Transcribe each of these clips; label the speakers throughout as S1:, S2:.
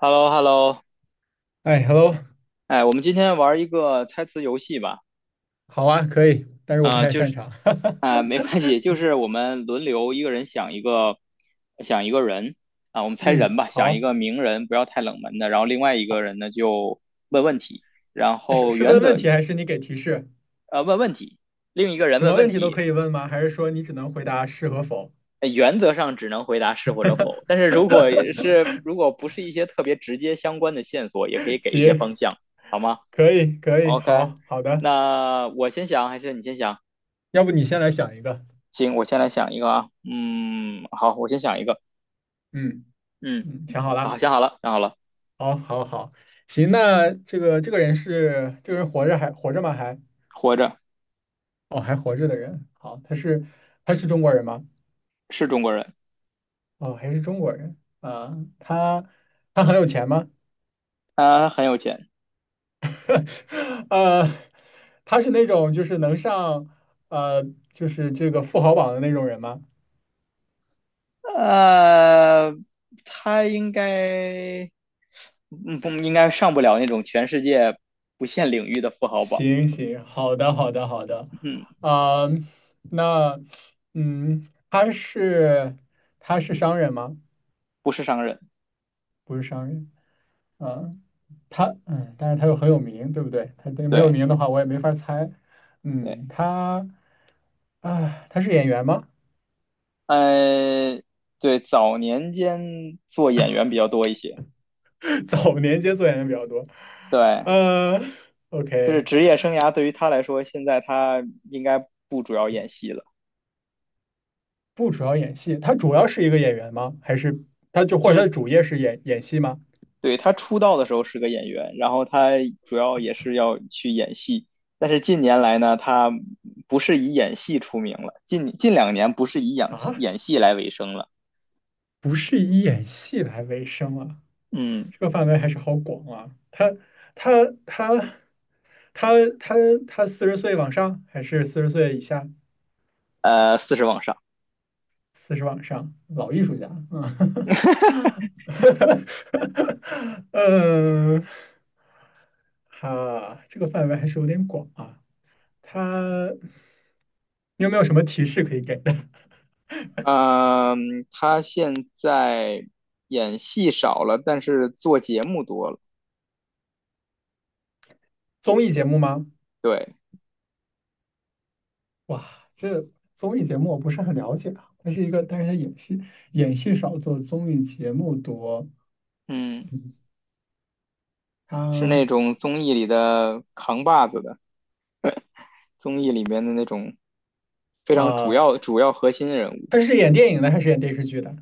S1: h e l l o h e l l o
S2: 哎，hello，
S1: 哎，我们今天玩一个猜词游戏吧。
S2: 好啊，可以，但是我不
S1: 啊，
S2: 太
S1: 就
S2: 擅
S1: 是
S2: 长。
S1: 啊、没关系，就是我们轮流一个人想一个，想一个人啊、我们猜人
S2: 嗯，
S1: 吧，想一
S2: 好，
S1: 个名人，不要太冷门的。然后另外一个人呢就问问题，然
S2: 那是
S1: 后
S2: 是问
S1: 原
S2: 问
S1: 则
S2: 题还是你给提示？
S1: 呃问问题，另一个人
S2: 什
S1: 问
S2: 么问
S1: 问
S2: 题都可
S1: 题，
S2: 以问吗？还是说你只能回答是和否？
S1: 呃原则上只能回答是或者否。但是如果不是一些特别直接相关的线索，也可以给一些
S2: 行，
S1: 方向，好吗
S2: 可以，可以，
S1: ？OK，
S2: 好，好的，
S1: 那我先想还是你先想？
S2: 要不你先来想一个。
S1: 行，我先来想一个啊，嗯，好，我先想一个，
S2: 嗯
S1: 嗯，
S2: 嗯，想好了，
S1: 好，想好了，想好了，
S2: 好，好，好，行，那这个这个人是这个人活着吗？
S1: 活着，
S2: 哦，还活着的人，好，他是中国人吗？
S1: 是中国人，
S2: 哦，还是中国人啊，他很有钱吗？
S1: 他很有钱，
S2: 呃，他是那种就是能上呃，就是这个富豪榜的那种人吗？
S1: 呃，他应该，不，应该上不了那种全世界不限领域的富豪榜，
S2: 行行，好的好的好的，
S1: 嗯，
S2: 啊、那嗯，他是商人吗？
S1: 不是商人，
S2: 不是商人，啊、但是他又很有名，对不对？他对没有
S1: 对，
S2: 名的话，我也没法猜。
S1: 对，
S2: 嗯，他是演员吗？
S1: 呃，对，早年间做演员比较多一些，
S2: 早年间做演员比较多，
S1: 对，
S2: 呃
S1: 就
S2: ，OK,
S1: 是职业生涯对于他来说，现在他应该不主要演戏了。
S2: 不主要演戏，他主要是一个演员吗？还是或
S1: 就
S2: 者他的
S1: 是
S2: 主业是演戏吗？
S1: 对，他出道的时候是个演员，然后他主要也是要去演戏，但是近年来呢，他不是以演戏出名了，近2年不是以演
S2: 啊，
S1: 演戏来为生了。
S2: 不是以演戏来为生啊，
S1: 嗯，
S2: 这个范围还是好广啊。他他他他他四十岁往上还是四十岁以下？
S1: 40往上，
S2: 四十往上，老艺术家，嗯，嗯，哈，这个范围还是有点广啊。他，你有没有什么提示可以给？
S1: 嗯，他现在演戏少了，但是做节目多了。
S2: 综艺节目吗？
S1: 对，
S2: 哇，综艺节目我不是很了解啊。它是一个，但是他演戏少，做综艺节目多。
S1: 嗯，是
S2: 他
S1: 那种综艺里的扛把子的，综艺里面的那种非常主
S2: 啊，
S1: 要主要核心人物。
S2: 他是演电影的还是演电视剧的？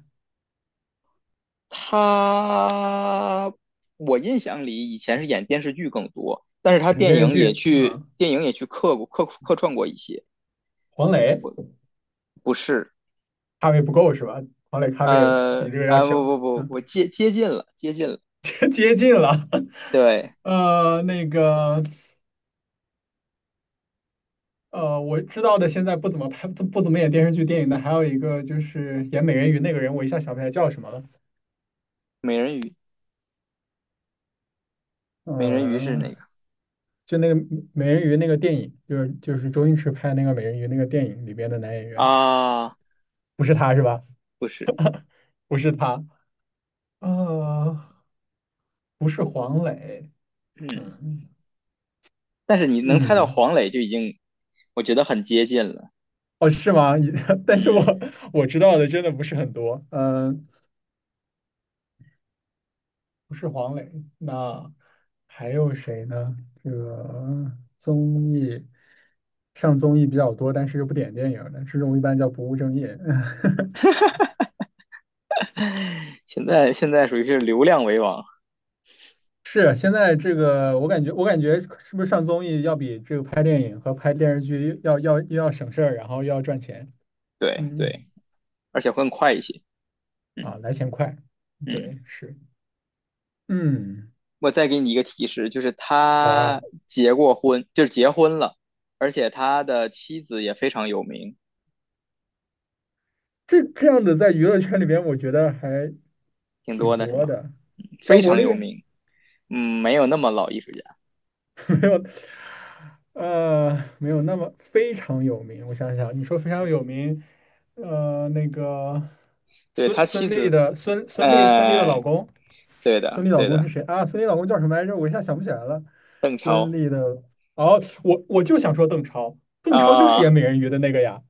S1: 他，我印象里以前是演电视剧更多，但是他
S2: 演电视剧啊，
S1: 电影也去客串过一些，
S2: 黄磊
S1: 不是，
S2: 咖位不够是吧？黄磊咖位比这个要
S1: 不
S2: 小，
S1: 不不，
S2: 嗯，
S1: 我接近了，接近了，
S2: 接近了。
S1: 对，
S2: 那个我知道的现在不怎么拍不不怎么演电视剧、电影的，还有一个就是演美人鱼那个人，我一下想不起来叫什么了。
S1: 美人鱼，美人鱼是
S2: 嗯，
S1: 那个
S2: 就那个美人鱼那个电影，就是周星驰拍那个美人鱼那个电影里边的男演员，
S1: 啊，
S2: 不是他是吧？
S1: 不是，
S2: 不是他，啊，不是黄磊，
S1: 嗯，
S2: 嗯
S1: 但是你能猜到
S2: 嗯，
S1: 黄磊就已经，我觉得很接近了，
S2: 哦是吗？但是我
S1: 嗯，
S2: 我知道的真的不是很多，不是黄磊，那还有谁呢？这个综艺上综艺比较多，但是又不点电影的，这种一般叫不务正业。
S1: 现在属于是流量为王，
S2: 是，现在这个我感觉，我感觉是不是上综艺要比这个拍电影和拍电视剧要省事儿，然后又要赚钱，
S1: 对
S2: 嗯
S1: 对，而且会更快一些，
S2: 啊，
S1: 嗯
S2: 来钱快，
S1: 嗯。
S2: 对，是，嗯，
S1: 我再给你一个提示，就是
S2: 好啊，
S1: 他结过婚，就是结婚了，而且他的妻子也非常有名，
S2: 这样的在娱乐圈里边，我觉得还
S1: 挺多
S2: 挺
S1: 的是
S2: 多
S1: 吗？
S2: 的。
S1: 非
S2: 张国
S1: 常
S2: 立
S1: 有 名，嗯，没有那么老艺术家。
S2: 没有，呃，没有那么非常有名。我想想，你说非常有名，那个
S1: 对，
S2: 孙
S1: 他
S2: 孙
S1: 妻
S2: 俪
S1: 子，
S2: 的孙孙俪孙俪的老
S1: 哎，
S2: 公。
S1: 对
S2: 孙
S1: 的，
S2: 俪老
S1: 对
S2: 公是
S1: 的，
S2: 谁啊？孙俪老公叫什么来着？我一下想不起来了。孙俪的，哦，我就想说邓超，邓超就是演
S1: 啊，
S2: 美人鱼的那个呀。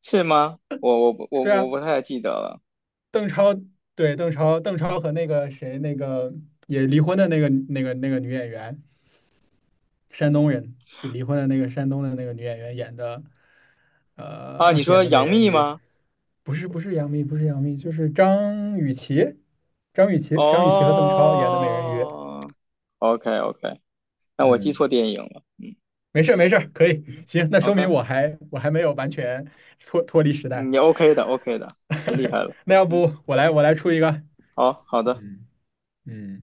S1: 是吗？我我不我
S2: 是
S1: 我
S2: 啊，
S1: 不太记得了
S2: 邓超，对，邓超和那个谁，那个也离婚的那个女演员，山东人，就离婚的那个山东的那个女演员演的，
S1: 啊。你
S2: 演
S1: 说
S2: 的美
S1: 杨
S2: 人
S1: 幂
S2: 鱼，
S1: 吗？
S2: 不是杨幂，不是杨幂，就是张雨绮，和邓超演的美人鱼。
S1: 哦，OK OK，那我记
S2: 嗯。
S1: 错电影了，嗯
S2: 没事没事可以，
S1: 嗯
S2: 行，那说明
S1: ，OK，
S2: 我还没有完全脱离时代。
S1: 你 OK 的 OK 的，很厉害 了，
S2: 那要
S1: 嗯，
S2: 不我来出一个，
S1: 好好的
S2: 嗯嗯，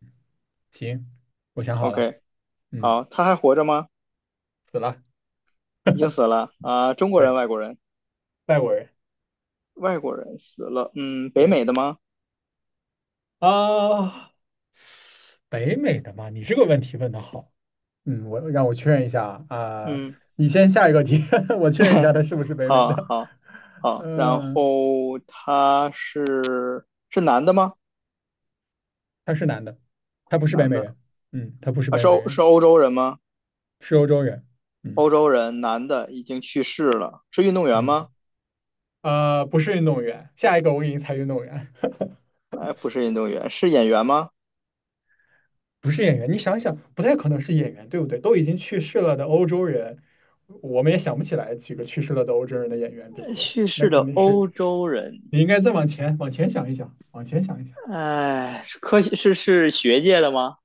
S2: 行，我想好了，
S1: OK。
S2: 嗯，
S1: 好，他还活着吗？
S2: 死了，
S1: 已经死了啊、中国人、
S2: 对，
S1: 外国人，
S2: 外国人，
S1: 外国人死了。嗯，北
S2: 对
S1: 美的吗？
S2: 啊、北美的嘛，你这个问题问的好，嗯，让我确认一下啊、啊
S1: 嗯，
S2: 你先下一个题，我确认一下 他是不是北美
S1: 好，
S2: 的，
S1: 好，好。然
S2: 嗯，
S1: 后他是男的吗？
S2: 他是男的，他
S1: 是
S2: 不是北
S1: 男
S2: 美
S1: 的
S2: 人，嗯，他不是
S1: 啊，
S2: 北
S1: 是
S2: 美
S1: 欧是
S2: 人，
S1: 欧洲人吗？
S2: 是欧洲人，嗯
S1: 欧洲人，男的，已经去世了。是运动员
S2: 嗯。
S1: 吗？
S2: 不是运动员，下一个我给你猜运动员，
S1: 哎，不是运动员，是演员吗？
S2: 不是演员。你想想，不太可能是演员，对不对？都已经去世了的欧洲人，我们也想不起来几个去世了的欧洲人的演员，对不对？
S1: 去
S2: 那
S1: 世
S2: 肯
S1: 的
S2: 定是，
S1: 欧洲人，
S2: 你应该再往前想一想，往前想一想。
S1: 哎，是科学是是学界的吗？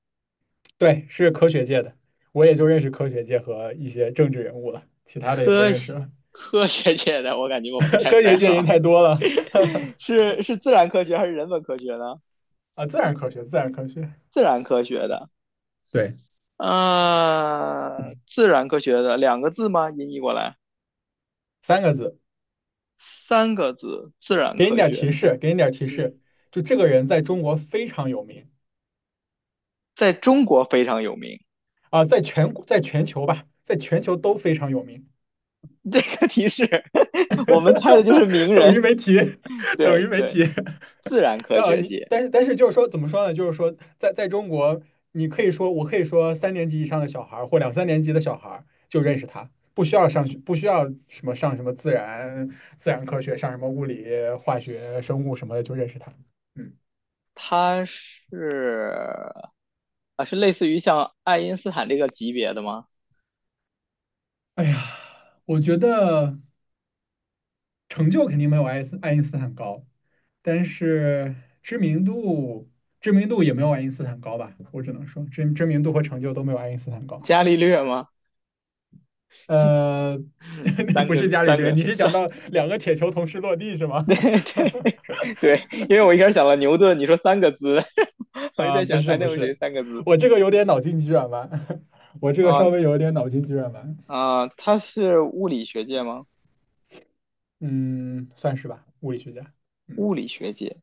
S2: 对，是科学界的，我也就认识科学界和一些政治人物了，其他的也不
S1: 科
S2: 认识
S1: 学
S2: 了。
S1: 科学界的，我感觉我不 太
S2: 科
S1: 在
S2: 学界
S1: 行。
S2: 人太多了，
S1: 是自然科学还是人文科学呢？
S2: 啊，自然科学，自然科学，
S1: 自然科学的，
S2: 对，
S1: 自然科学的两个字吗？音译过来
S2: 三个字，
S1: 三个字，自然
S2: 给你
S1: 科
S2: 点
S1: 学
S2: 提
S1: 的，
S2: 示，给你点提
S1: 嗯，
S2: 示，就这个人在中国非常有名。
S1: 在中国非常有名。
S2: 啊，在全球吧，在全球都非常有名，
S1: 这个提示，我们猜的就是名
S2: 等于
S1: 人，
S2: 没提，等于
S1: 对
S2: 没
S1: 对，
S2: 提。
S1: 自然科
S2: 但呃
S1: 学
S2: 你
S1: 界，
S2: 但是但是就是说怎么说呢？就是说在中国，你可以说我可以说三年级以上的小孩儿或两三年级的小孩儿就认识他，不需要上学，不需要什么上什么自然科学，上什么物理、化学、生物什么的就认识他。嗯
S1: 他是啊，是类似于像爱因斯坦这个级别的吗？
S2: 哎呀，我觉得。成就肯定没有爱因斯坦高，但是知名度知名度也没有爱因斯坦高吧？我只能说知名度和成就都没有爱因斯坦高。
S1: 伽利略吗？
S2: 呃，
S1: 三
S2: 不是
S1: 个
S2: 伽利
S1: 三
S2: 略，
S1: 个
S2: 你是想
S1: 三
S2: 到两个铁球同时落地是 吗？
S1: 对对对，因为我 一开始想了牛顿，你说三个字，我就
S2: 啊，
S1: 在
S2: 不
S1: 想
S2: 是
S1: 还能
S2: 不
S1: 有谁
S2: 是，
S1: 三个字
S2: 我这个有点脑筋急转弯，我这个
S1: 啊
S2: 稍微有一点脑筋急转弯，
S1: 啊？他是物理学界吗？
S2: 嗯，算是吧，物理学家，嗯，
S1: 物理学界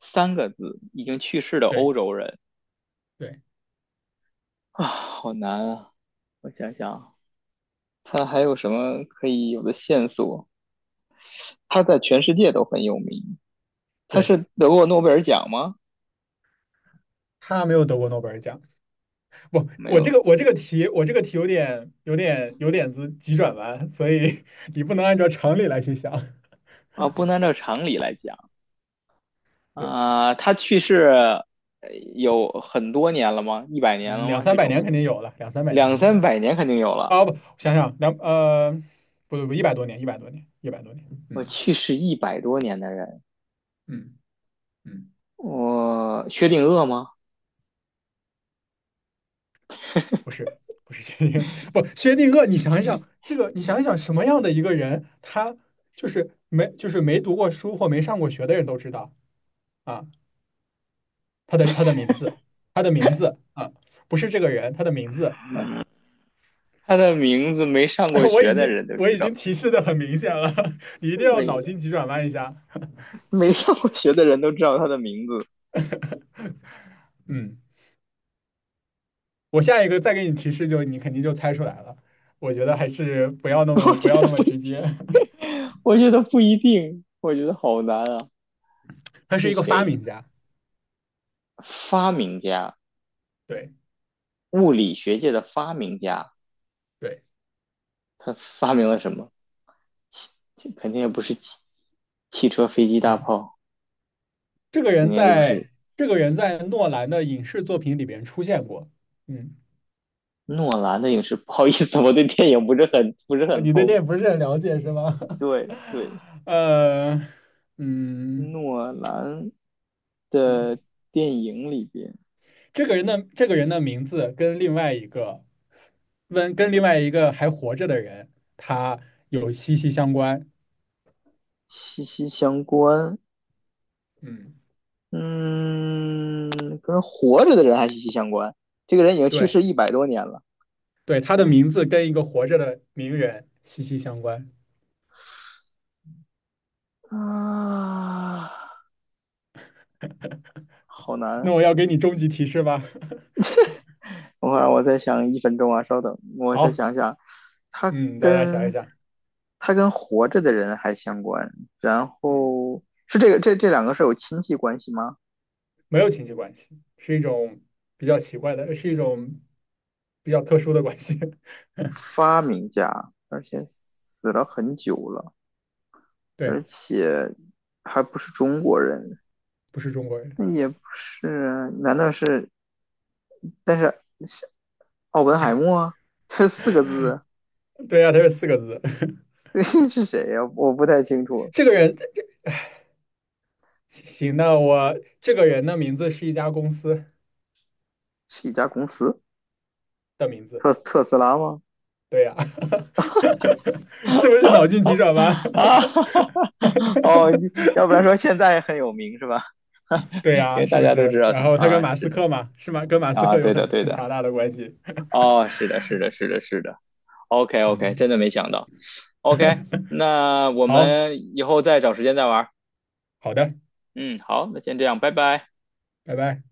S1: 三个字，已经去世的
S2: 对
S1: 欧洲人
S2: 对
S1: 啊，好难啊！我想想，他还有什么可以有的线索？他在全世界都很有名，他
S2: 对，
S1: 是得过诺贝尔奖吗？
S2: 他没有得过诺贝尔奖，不，
S1: 没有
S2: 我这个题，我这个题有点子急转弯，所以你不能按照常理来去想。
S1: 啊，不能按照常理来讲。
S2: 对，
S1: 啊、他去世有很多年了吗？100年
S2: 嗯，
S1: 了
S2: 两
S1: 吗？
S2: 三
S1: 这
S2: 百
S1: 种
S2: 年肯定有了，两三百年
S1: 两
S2: 肯定
S1: 三
S2: 有。
S1: 百年肯定有了。
S2: 啊，不，想想不对不，一百多年，一百多年，一百多年。
S1: 我
S2: 嗯
S1: 去世一百多年的人，
S2: 嗯嗯，
S1: 我薛定谔吗？
S2: 不是不是薛定谔，不薛定谔，你想一想这个，你想一想什么样的一个人，他就是没就是没读过书或没上过学的人都知道啊，他的名字，他的名字啊，不是这个人，他的名字，嗯。
S1: 他的名字没上过 学的人都
S2: 我
S1: 知
S2: 已经
S1: 道，
S2: 提示的很明显了，你一定要
S1: 没
S2: 脑筋急转弯一下。
S1: 没上过学的人都知道他的名字。
S2: 嗯，我下一个再给你提示就，你肯定就猜出来了。我觉得还是
S1: 我
S2: 不
S1: 觉
S2: 要
S1: 得
S2: 那么
S1: 不一
S2: 直
S1: 定，
S2: 接。
S1: 我觉得不一定，我觉得好难啊。
S2: 他是
S1: 是
S2: 一个发
S1: 谁？
S2: 明家，
S1: 发明家，
S2: 对
S1: 物理学界的发明家，
S2: 对，
S1: 他发明了什么？肯定也不是汽车、飞机、大
S2: 嗯，
S1: 炮，
S2: 这个
S1: 肯
S2: 人
S1: 定也都不
S2: 在
S1: 是
S2: 这个人在诺兰的影视作品里边出现过。嗯，
S1: 诺兰的影视。不好意思，我对电影不是
S2: 啊，
S1: 很
S2: 你对这
S1: 通。
S2: 影不是很了解是吗？
S1: 对对，
S2: 呃，嗯
S1: 诺兰的
S2: 嗯
S1: 电影里边
S2: 这个人的名字跟另外一个还活着的人，他有息息相关。
S1: 息息相关，
S2: 嗯，
S1: 嗯，跟活着的人还息息相关。这个人已经去
S2: 对
S1: 世一百多年了，
S2: 对，他的
S1: 跟
S2: 名字跟一个活着的名人息息相关。
S1: 啊，好
S2: 那
S1: 难。
S2: 我要给你终极提示吧。
S1: 等会儿我再想1分钟啊，稍等，我再
S2: 好，
S1: 想想，他
S2: 嗯，大家想一
S1: 跟
S2: 想，
S1: 他跟活着的人还相关，然
S2: 嗯，
S1: 后是这两个是有亲戚关系吗？
S2: 没有亲戚关系，是一种比较奇怪的，是一种比较特殊的关系。
S1: 发明家，而且死了很久了，而
S2: 对，
S1: 且还不是中国人，
S2: 不是中国人。
S1: 那也
S2: 对
S1: 不是，难道是？但是是奥本海默这四个字
S2: 对呀、他是四个字。
S1: 是谁呀、我不太清 楚，
S2: 这个人，行，这个人的名字是一家公司
S1: 是一家公司，
S2: 的名字，
S1: 特斯拉吗？
S2: 对呀、是不是脑筋急转弯？
S1: 啊，哦，你要不然说现在很有名是吧？
S2: 对
S1: 因
S2: 呀、
S1: 为
S2: 是
S1: 大
S2: 不
S1: 家都知
S2: 是？
S1: 道
S2: 然
S1: 他
S2: 后他跟
S1: 啊，
S2: 马斯
S1: 是的
S2: 克嘛，是吗？跟马斯
S1: 啊，
S2: 克有
S1: 对的
S2: 很
S1: 对
S2: 很
S1: 的，
S2: 强大的关系。
S1: 哦，是的是的是的是的，OK OK，
S2: 嗯，
S1: 真的没想到，OK，那我
S2: 好
S1: 们以后再找时间再玩儿，
S2: 好的，
S1: 嗯，好，那先这样，拜拜。
S2: 拜拜。